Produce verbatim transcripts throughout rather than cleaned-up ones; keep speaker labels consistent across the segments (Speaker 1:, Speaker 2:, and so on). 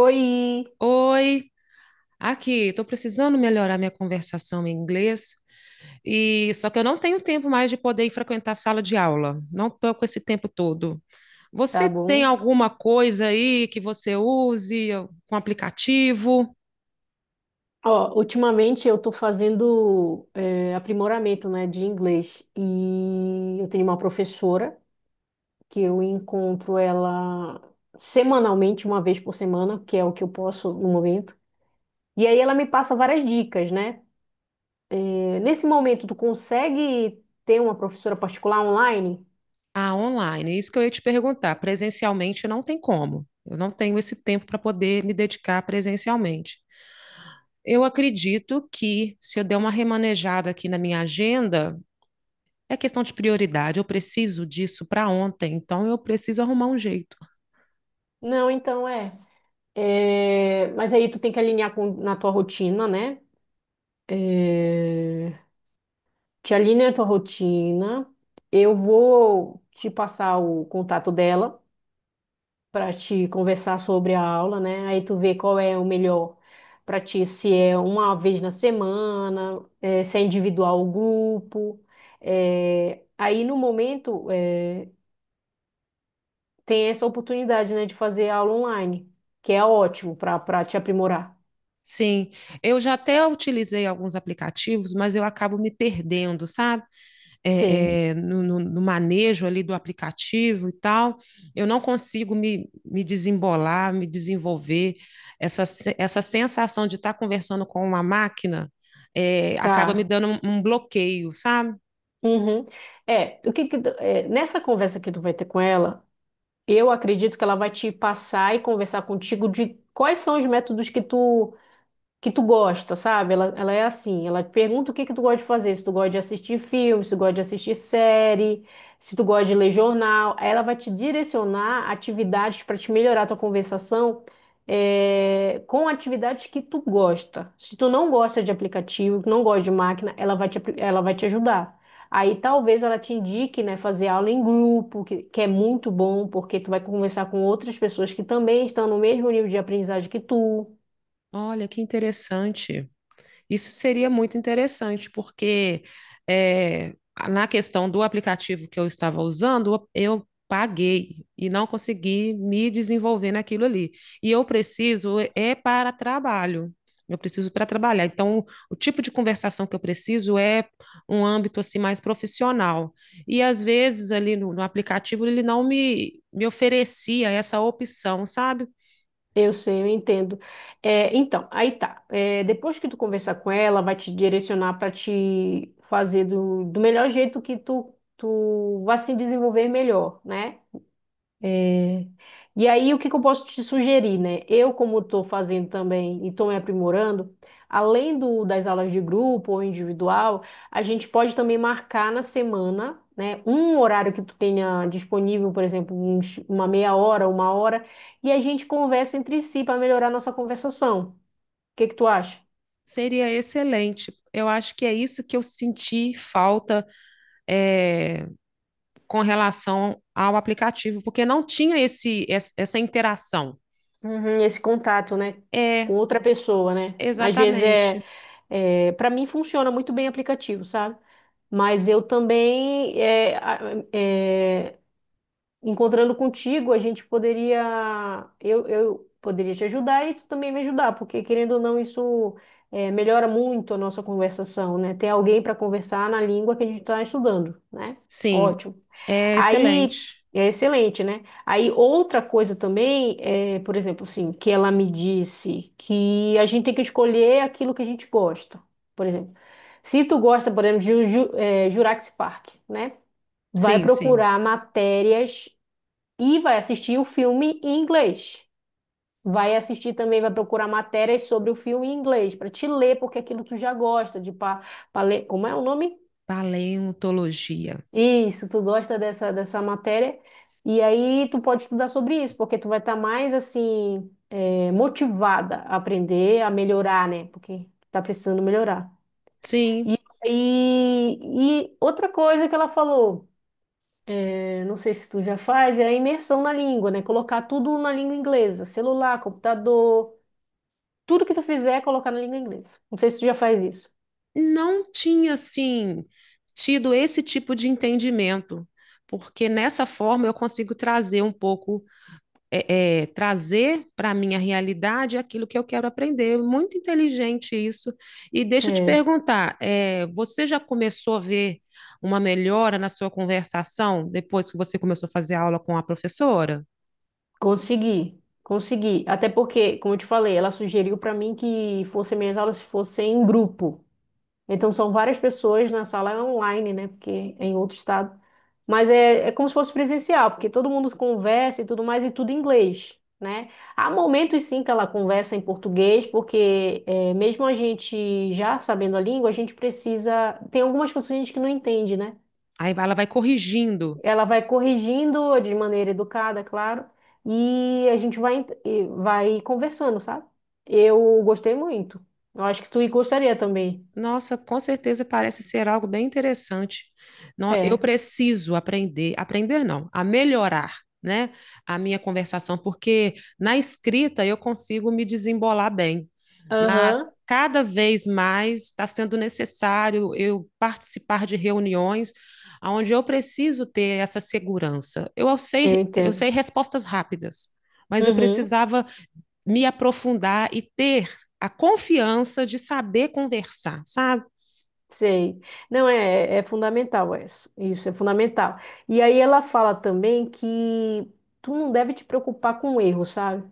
Speaker 1: Oi,
Speaker 2: Oi, aqui, estou precisando melhorar minha conversação em inglês e só que eu não tenho tempo mais de poder ir frequentar a sala de aula. Não estou com esse tempo todo.
Speaker 1: tá
Speaker 2: Você tem
Speaker 1: bom?
Speaker 2: alguma coisa aí que você use com aplicativo?
Speaker 1: Ó, ultimamente eu tô fazendo eh, aprimoramento, né, de inglês e eu tenho uma professora que eu encontro ela semanalmente, uma vez por semana, que é o que eu posso no momento. E aí ela me passa várias dicas, né? Eh, nesse momento, tu consegue ter uma professora particular online?
Speaker 2: Ah, online. Isso que eu ia te perguntar. Presencialmente não tem como. Eu não tenho esse tempo para poder me dedicar presencialmente. Eu acredito que se eu der uma remanejada aqui na minha agenda. É questão de prioridade. Eu preciso disso para ontem, então eu preciso arrumar um jeito.
Speaker 1: Não, então é. É, mas aí tu tem que alinhar com, na tua rotina, né? É, te alinha a tua rotina. Eu vou te passar o contato dela para te conversar sobre a aula, né? Aí tu vê qual é o melhor para ti, se é uma vez na semana, eh, se é individual ou grupo. Eh, aí no momento eh, tem essa oportunidade, né, de fazer aula online, que é ótimo para para te aprimorar.
Speaker 2: Sim, eu já até utilizei alguns aplicativos, mas eu acabo me perdendo, sabe?
Speaker 1: Sim,
Speaker 2: É, é, no, no- no manejo ali do aplicativo e tal. Eu não consigo me, me desembolar, me desenvolver. Essa, se- Essa sensação de estar conversando com uma máquina, é, acaba me
Speaker 1: tá.
Speaker 2: dando um, um bloqueio, sabe?
Speaker 1: Uhum. É, o que que tu- é, nessa conversa que tu vai ter com ela, eu acredito que ela vai te passar e conversar contigo de quais são os métodos que tu que tu gosta, sabe? Ela, ela é assim, ela te pergunta o que que tu gosta de fazer, se tu gosta de assistir filme, se tu gosta de assistir série, se tu gosta de ler jornal, aí ela vai te direcionar atividades para te melhorar a tua conversação eh, com atividades que tu gosta. Se tu não gosta de aplicativo, não gosta de máquina, ela vai te, apli- ela vai te ajudar. Aí talvez ela te indique, né, fazer aula em grupo, que, que é muito bom, porque tu vai conversar com outras pessoas que também estão no mesmo nível de aprendizagem que tu.
Speaker 2: Olha, que interessante. Isso seria muito interessante, porque eh, na questão do aplicativo que eu estava usando, eu paguei e não consegui me desenvolver naquilo ali. E eu preciso eh, é para trabalho. Eu preciso para trabalhar. Então, o tipo de conversação que eu preciso é um âmbito assim mais profissional. E às vezes ali no, no aplicativo ele não me, me oferecia essa opção, sabe?
Speaker 1: Eu sei, eu entendo. É, então, aí tá. É, depois que tu conversar com ela, vai te direcionar para te fazer do, do melhor jeito que tu, tu vai se desenvolver melhor, né? E aí, o que que eu posso te sugerir, né? Eu, como estou fazendo também e estou me aprimorando, além do, das aulas de grupo ou individual, a gente pode também marcar na semana, né, um horário que tu tenha disponível, por exemplo, uns- uma meia hora, uma hora, e a gente conversa entre si para melhorar a nossa conversação. O que que tu acha?
Speaker 2: Seria excelente. Eu acho que é isso que eu senti falta é, com relação ao aplicativo, porque não tinha esse, es- essa interação.
Speaker 1: Uhum, esse contato, né,
Speaker 2: É,
Speaker 1: com outra pessoa, né? Às vezes é,
Speaker 2: exatamente.
Speaker 1: é para mim funciona muito bem aplicativo, sabe? Mas eu também é, a- é, encontrando contigo, a gente poderia, eu, eu poderia te ajudar e tu também me ajudar, porque querendo ou não, isso eh, melhora muito a nossa conversação, né? Ter alguém para conversar na língua que a gente está estudando, né?
Speaker 2: Sim,
Speaker 1: Ótimo.
Speaker 2: é
Speaker 1: Aí
Speaker 2: excelente.
Speaker 1: é excelente, né? Aí outra coisa também é, por exemplo, assim, que ela me disse que a gente tem que escolher aquilo que a gente gosta. Por exemplo, se tu gosta, por exemplo, de Ju- Ju- eh, Jurassic Park, né? Vai
Speaker 2: Sim, sim.
Speaker 1: procurar matérias e vai assistir o filme em inglês. Vai assistir também, vai procurar matérias sobre o filme em inglês, para te ler, porque aquilo tu já gosta de pa, pa ler. Como é o nome?
Speaker 2: Paleontologia.
Speaker 1: Isso, tu gosta dessa, dessa matéria. E aí tu pode estudar sobre isso, porque tu vai estar mais assim, eh, motivada a aprender, a melhorar, né? Porque tá precisando melhorar.
Speaker 2: Sim,
Speaker 1: E, e, e outra coisa que ela falou, eh, não sei se tu já faz, é a imersão na língua, né? Colocar tudo na língua inglesa, celular, computador. Tudo que tu fizer é colocar na língua inglesa. Não sei se tu já faz isso.
Speaker 2: não tinha, assim, tido esse tipo de entendimento, porque nessa forma eu consigo trazer um pouco é, é, trazer para a minha realidade aquilo que eu quero aprender. Muito inteligente isso. E deixa eu te
Speaker 1: É,
Speaker 2: perguntar, é, você já começou a ver uma melhora na sua conversação depois que você começou a fazer aula com a professora?
Speaker 1: consegui, consegui. Até porque, como eu te falei, ela sugeriu pra mim que fossem minhas aulas fossem em grupo. Então são várias pessoas na sala é online, né? Porque é em outro estado. Mas é, é como se fosse presencial, porque todo mundo conversa e tudo mais, e tudo em inglês, né? Há momentos sim que ela conversa em português, porque é, mesmo a gente já sabendo a língua, a gente precisa. Tem algumas coisas que a gente que não entende, né?
Speaker 2: Aí ela vai corrigindo.
Speaker 1: Ela vai corrigindo de maneira educada, claro, e a gente vai, ent- e vai conversando, sabe? Eu gostei muito. Eu acho que tu gostaria também.
Speaker 2: Nossa, com certeza parece ser algo bem interessante. Não, eu
Speaker 1: É.
Speaker 2: preciso aprender, aprender não, a melhorar, né, a minha conversação, porque na escrita eu consigo me desembolar bem, mas
Speaker 1: Aham,
Speaker 2: cada vez mais está sendo necessário eu participar de reuniões onde eu preciso ter essa segurança. Eu
Speaker 1: eu
Speaker 2: sei, eu
Speaker 1: entendo.
Speaker 2: sei respostas rápidas, mas eu
Speaker 1: Uhum,
Speaker 2: precisava me aprofundar e ter a confiança de saber conversar, sabe?
Speaker 1: sei. Não, é, é fundamental essa. Isso é fundamental. E aí ela fala também que tu não deve te preocupar com o erro, sabe?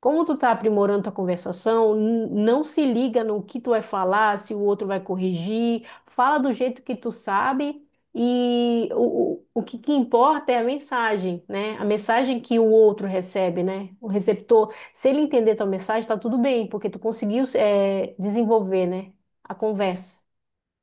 Speaker 1: Como tu tá aprimorando tua conversação, n- não se liga no que tu vai falar, se o outro vai corrigir. Fala do jeito que tu sabe e o, o, o que, que importa é a mensagem, né? A mensagem que o outro recebe, né? O receptor, se ele entender tua mensagem, tá tudo bem, porque tu conseguiu, eh, desenvolver, né? A conversa.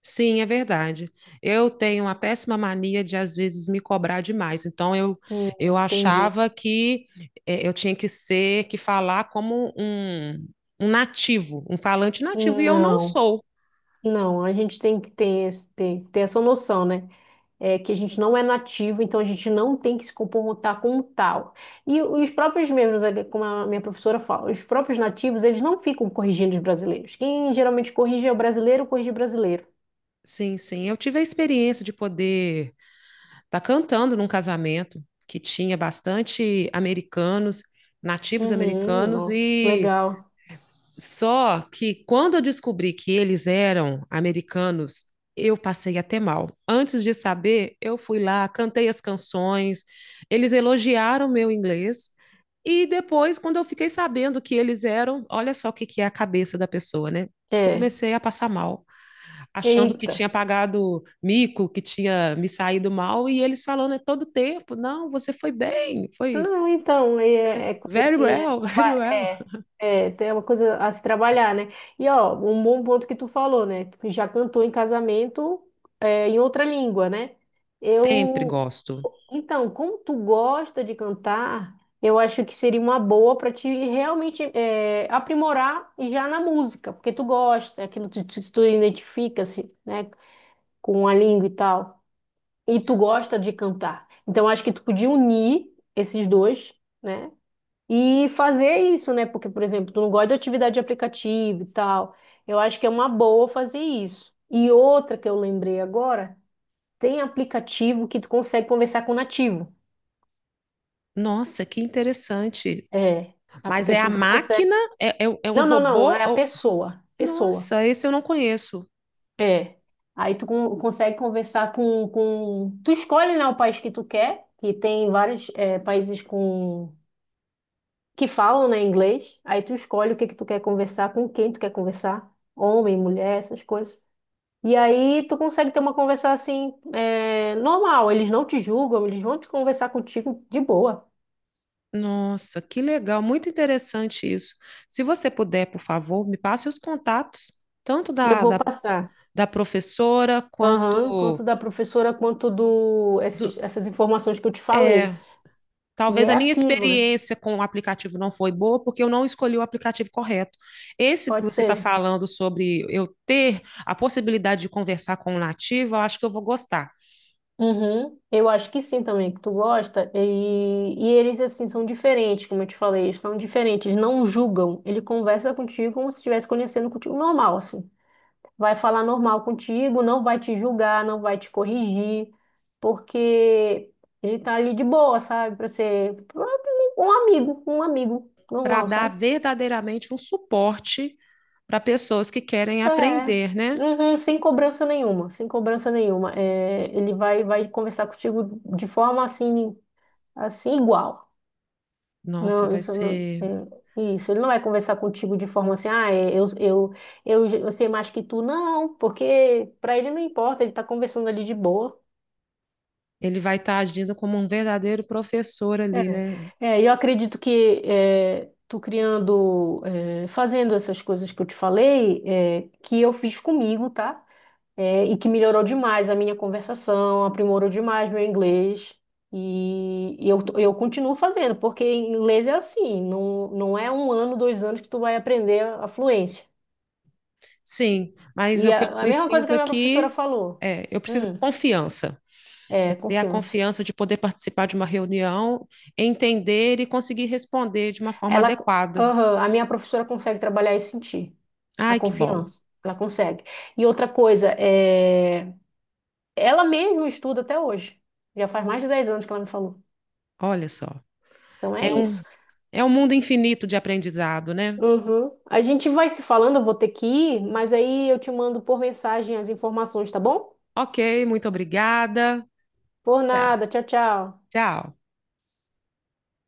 Speaker 2: Sim, é verdade. Eu tenho uma péssima mania de às vezes me cobrar demais. Então eu
Speaker 1: Hum,
Speaker 2: eu
Speaker 1: entendi.
Speaker 2: achava que eh, eu tinha que ser, que falar como um, um nativo, um falante nativo, e eu não
Speaker 1: Não,
Speaker 2: sou.
Speaker 1: não, a gente tem que ter, esse- ter, ter essa noção, né? É, que a gente não é nativo, então a gente não tem que se comportar como tal. E os próprios mesmos, como a minha professora fala, os próprios nativos, eles não ficam corrigindo os brasileiros. Quem geralmente corrige é o brasileiro, corrige o brasileiro.
Speaker 2: Sim, sim. Eu tive a experiência de poder estar cantando num casamento que tinha bastante americanos, nativos
Speaker 1: Uhum,
Speaker 2: americanos,
Speaker 1: nossa,
Speaker 2: e
Speaker 1: legal.
Speaker 2: só que quando eu descobri que eles eram americanos, eu passei até mal. Antes de saber, eu fui lá, cantei as canções, eles elogiaram meu inglês. E depois, quando eu fiquei sabendo que eles eram, olha só o que que é a cabeça da pessoa, né? Eu
Speaker 1: É,
Speaker 2: comecei a passar mal, achando que tinha
Speaker 1: eita.
Speaker 2: pagado mico, que tinha me saído mal, e eles falando é todo tempo, não, você foi bem, foi
Speaker 1: Não, então, é, é coisa
Speaker 2: very
Speaker 1: assim, é,
Speaker 2: well,
Speaker 1: traba-
Speaker 2: very well.
Speaker 1: é, é, tem uma coisa a se trabalhar, né? E, ó, um bom ponto que tu falou, né? Tu já cantou em casamento, é, em outra língua, né?
Speaker 2: Sempre
Speaker 1: Eu,
Speaker 2: gosto.
Speaker 1: então, como tu gosta de cantar, eu acho que seria uma boa para te realmente é, aprimorar já na música, porque tu gosta, aquilo que tu, tu identifica, assim, né? Com a língua e tal e tu gosta de cantar. Então acho que tu podia unir esses dois, né? E fazer isso, né? Porque, por exemplo, tu não gosta de atividade de aplicativo e tal. Eu acho que é uma boa fazer isso. E outra que eu lembrei agora, tem aplicativo que tu consegue conversar com o nativo.
Speaker 2: Nossa, que interessante.
Speaker 1: É,
Speaker 2: Mas é a
Speaker 1: aplicativo que tu consegue.
Speaker 2: máquina? É, é, é um
Speaker 1: Não, não, não,
Speaker 2: robô?
Speaker 1: é a
Speaker 2: Ou-
Speaker 1: pessoa. Pessoa.
Speaker 2: nossa, esse eu não conheço.
Speaker 1: É. Aí tu con- consegue conversar com, com. Tu escolhe, né, o país que tu quer, que tem vários eh, países com que falam, né, inglês. Aí tu escolhe o que que tu quer conversar, com quem tu quer conversar, homem, mulher, essas coisas. E aí tu consegue ter uma conversa assim, é, normal. Eles não te julgam, eles vão te conversar contigo de boa.
Speaker 2: Nossa, que legal, muito interessante isso. Se você puder, por favor, me passe os contatos, tanto
Speaker 1: Eu
Speaker 2: da,
Speaker 1: vou
Speaker 2: da,
Speaker 1: passar.
Speaker 2: da professora
Speaker 1: Aham,
Speaker 2: quanto
Speaker 1: quanto da professora, quanto do
Speaker 2: do.
Speaker 1: esses- essas informações que eu te
Speaker 2: É,
Speaker 1: falei. E
Speaker 2: talvez
Speaker 1: é
Speaker 2: a minha
Speaker 1: aquilo, né?
Speaker 2: experiência com o aplicativo não foi boa, porque eu não escolhi o aplicativo correto. Esse que
Speaker 1: Pode
Speaker 2: você está
Speaker 1: ser.
Speaker 2: falando sobre eu ter a possibilidade de conversar com o nativo, eu acho que eu vou gostar.
Speaker 1: Uhum. Eu acho que sim também, que tu gosta. E, e eles, assim, são diferentes, como eu te falei, eles são diferentes, eles não julgam. Ele conversa contigo como se estivesse conhecendo contigo normal, assim. Vai falar normal contigo, não vai te julgar, não vai te corrigir, porque ele tá ali de boa, sabe? Pra ser um amigo, um amigo
Speaker 2: Para
Speaker 1: normal,
Speaker 2: dar
Speaker 1: sabe?
Speaker 2: verdadeiramente um suporte para pessoas que querem
Speaker 1: É,
Speaker 2: aprender, né?
Speaker 1: uhum, sem cobrança nenhuma, sem cobrança nenhuma. É, ele vai, vai conversar contigo de forma assim, assim igual.
Speaker 2: Nossa,
Speaker 1: Não,
Speaker 2: vai
Speaker 1: isso, não,
Speaker 2: ser.
Speaker 1: é, isso. Ele não vai conversar contigo de forma assim, ah, é, eu, eu, eu, eu sei mais que tu, não, porque para ele não importa, ele tá conversando ali de boa.
Speaker 2: Ele vai estar agindo como um verdadeiro professor ali,
Speaker 1: É,
Speaker 2: né?
Speaker 1: é, eu acredito que é, tu criando, é, fazendo essas coisas que eu te falei, é, que eu fiz comigo, tá? é, e que melhorou demais a minha conversação, aprimorou demais meu inglês. E, e eu, eu continuo fazendo, porque inglês é assim, não, não é um ano, dois anos que tu vai aprender a fluência.
Speaker 2: Sim, mas
Speaker 1: E
Speaker 2: o
Speaker 1: a,
Speaker 2: que eu
Speaker 1: a mesma coisa que
Speaker 2: preciso
Speaker 1: a minha professora
Speaker 2: aqui
Speaker 1: falou.
Speaker 2: é, eu preciso de
Speaker 1: Hum,
Speaker 2: confiança. É
Speaker 1: é,
Speaker 2: ter a
Speaker 1: confiança.
Speaker 2: confiança de poder participar de uma reunião, entender e conseguir responder de uma forma
Speaker 1: Ela,
Speaker 2: adequada.
Speaker 1: aham, a minha professora consegue trabalhar isso em ti, a
Speaker 2: Ai, que bom.
Speaker 1: confiança. Ela consegue. E outra coisa, é, ela mesma estuda até hoje. Já faz mais de dez anos que ela me falou.
Speaker 2: Olha só.
Speaker 1: Então
Speaker 2: É
Speaker 1: é
Speaker 2: um,
Speaker 1: isso.
Speaker 2: é um mundo infinito de aprendizado, né?
Speaker 1: Uhum. A gente vai se falando, eu vou ter que ir, mas aí eu te mando por mensagem as informações, tá bom?
Speaker 2: Ok, muito obrigada.
Speaker 1: Por
Speaker 2: Tchau.
Speaker 1: nada, tchau, tchau.
Speaker 2: Tchau.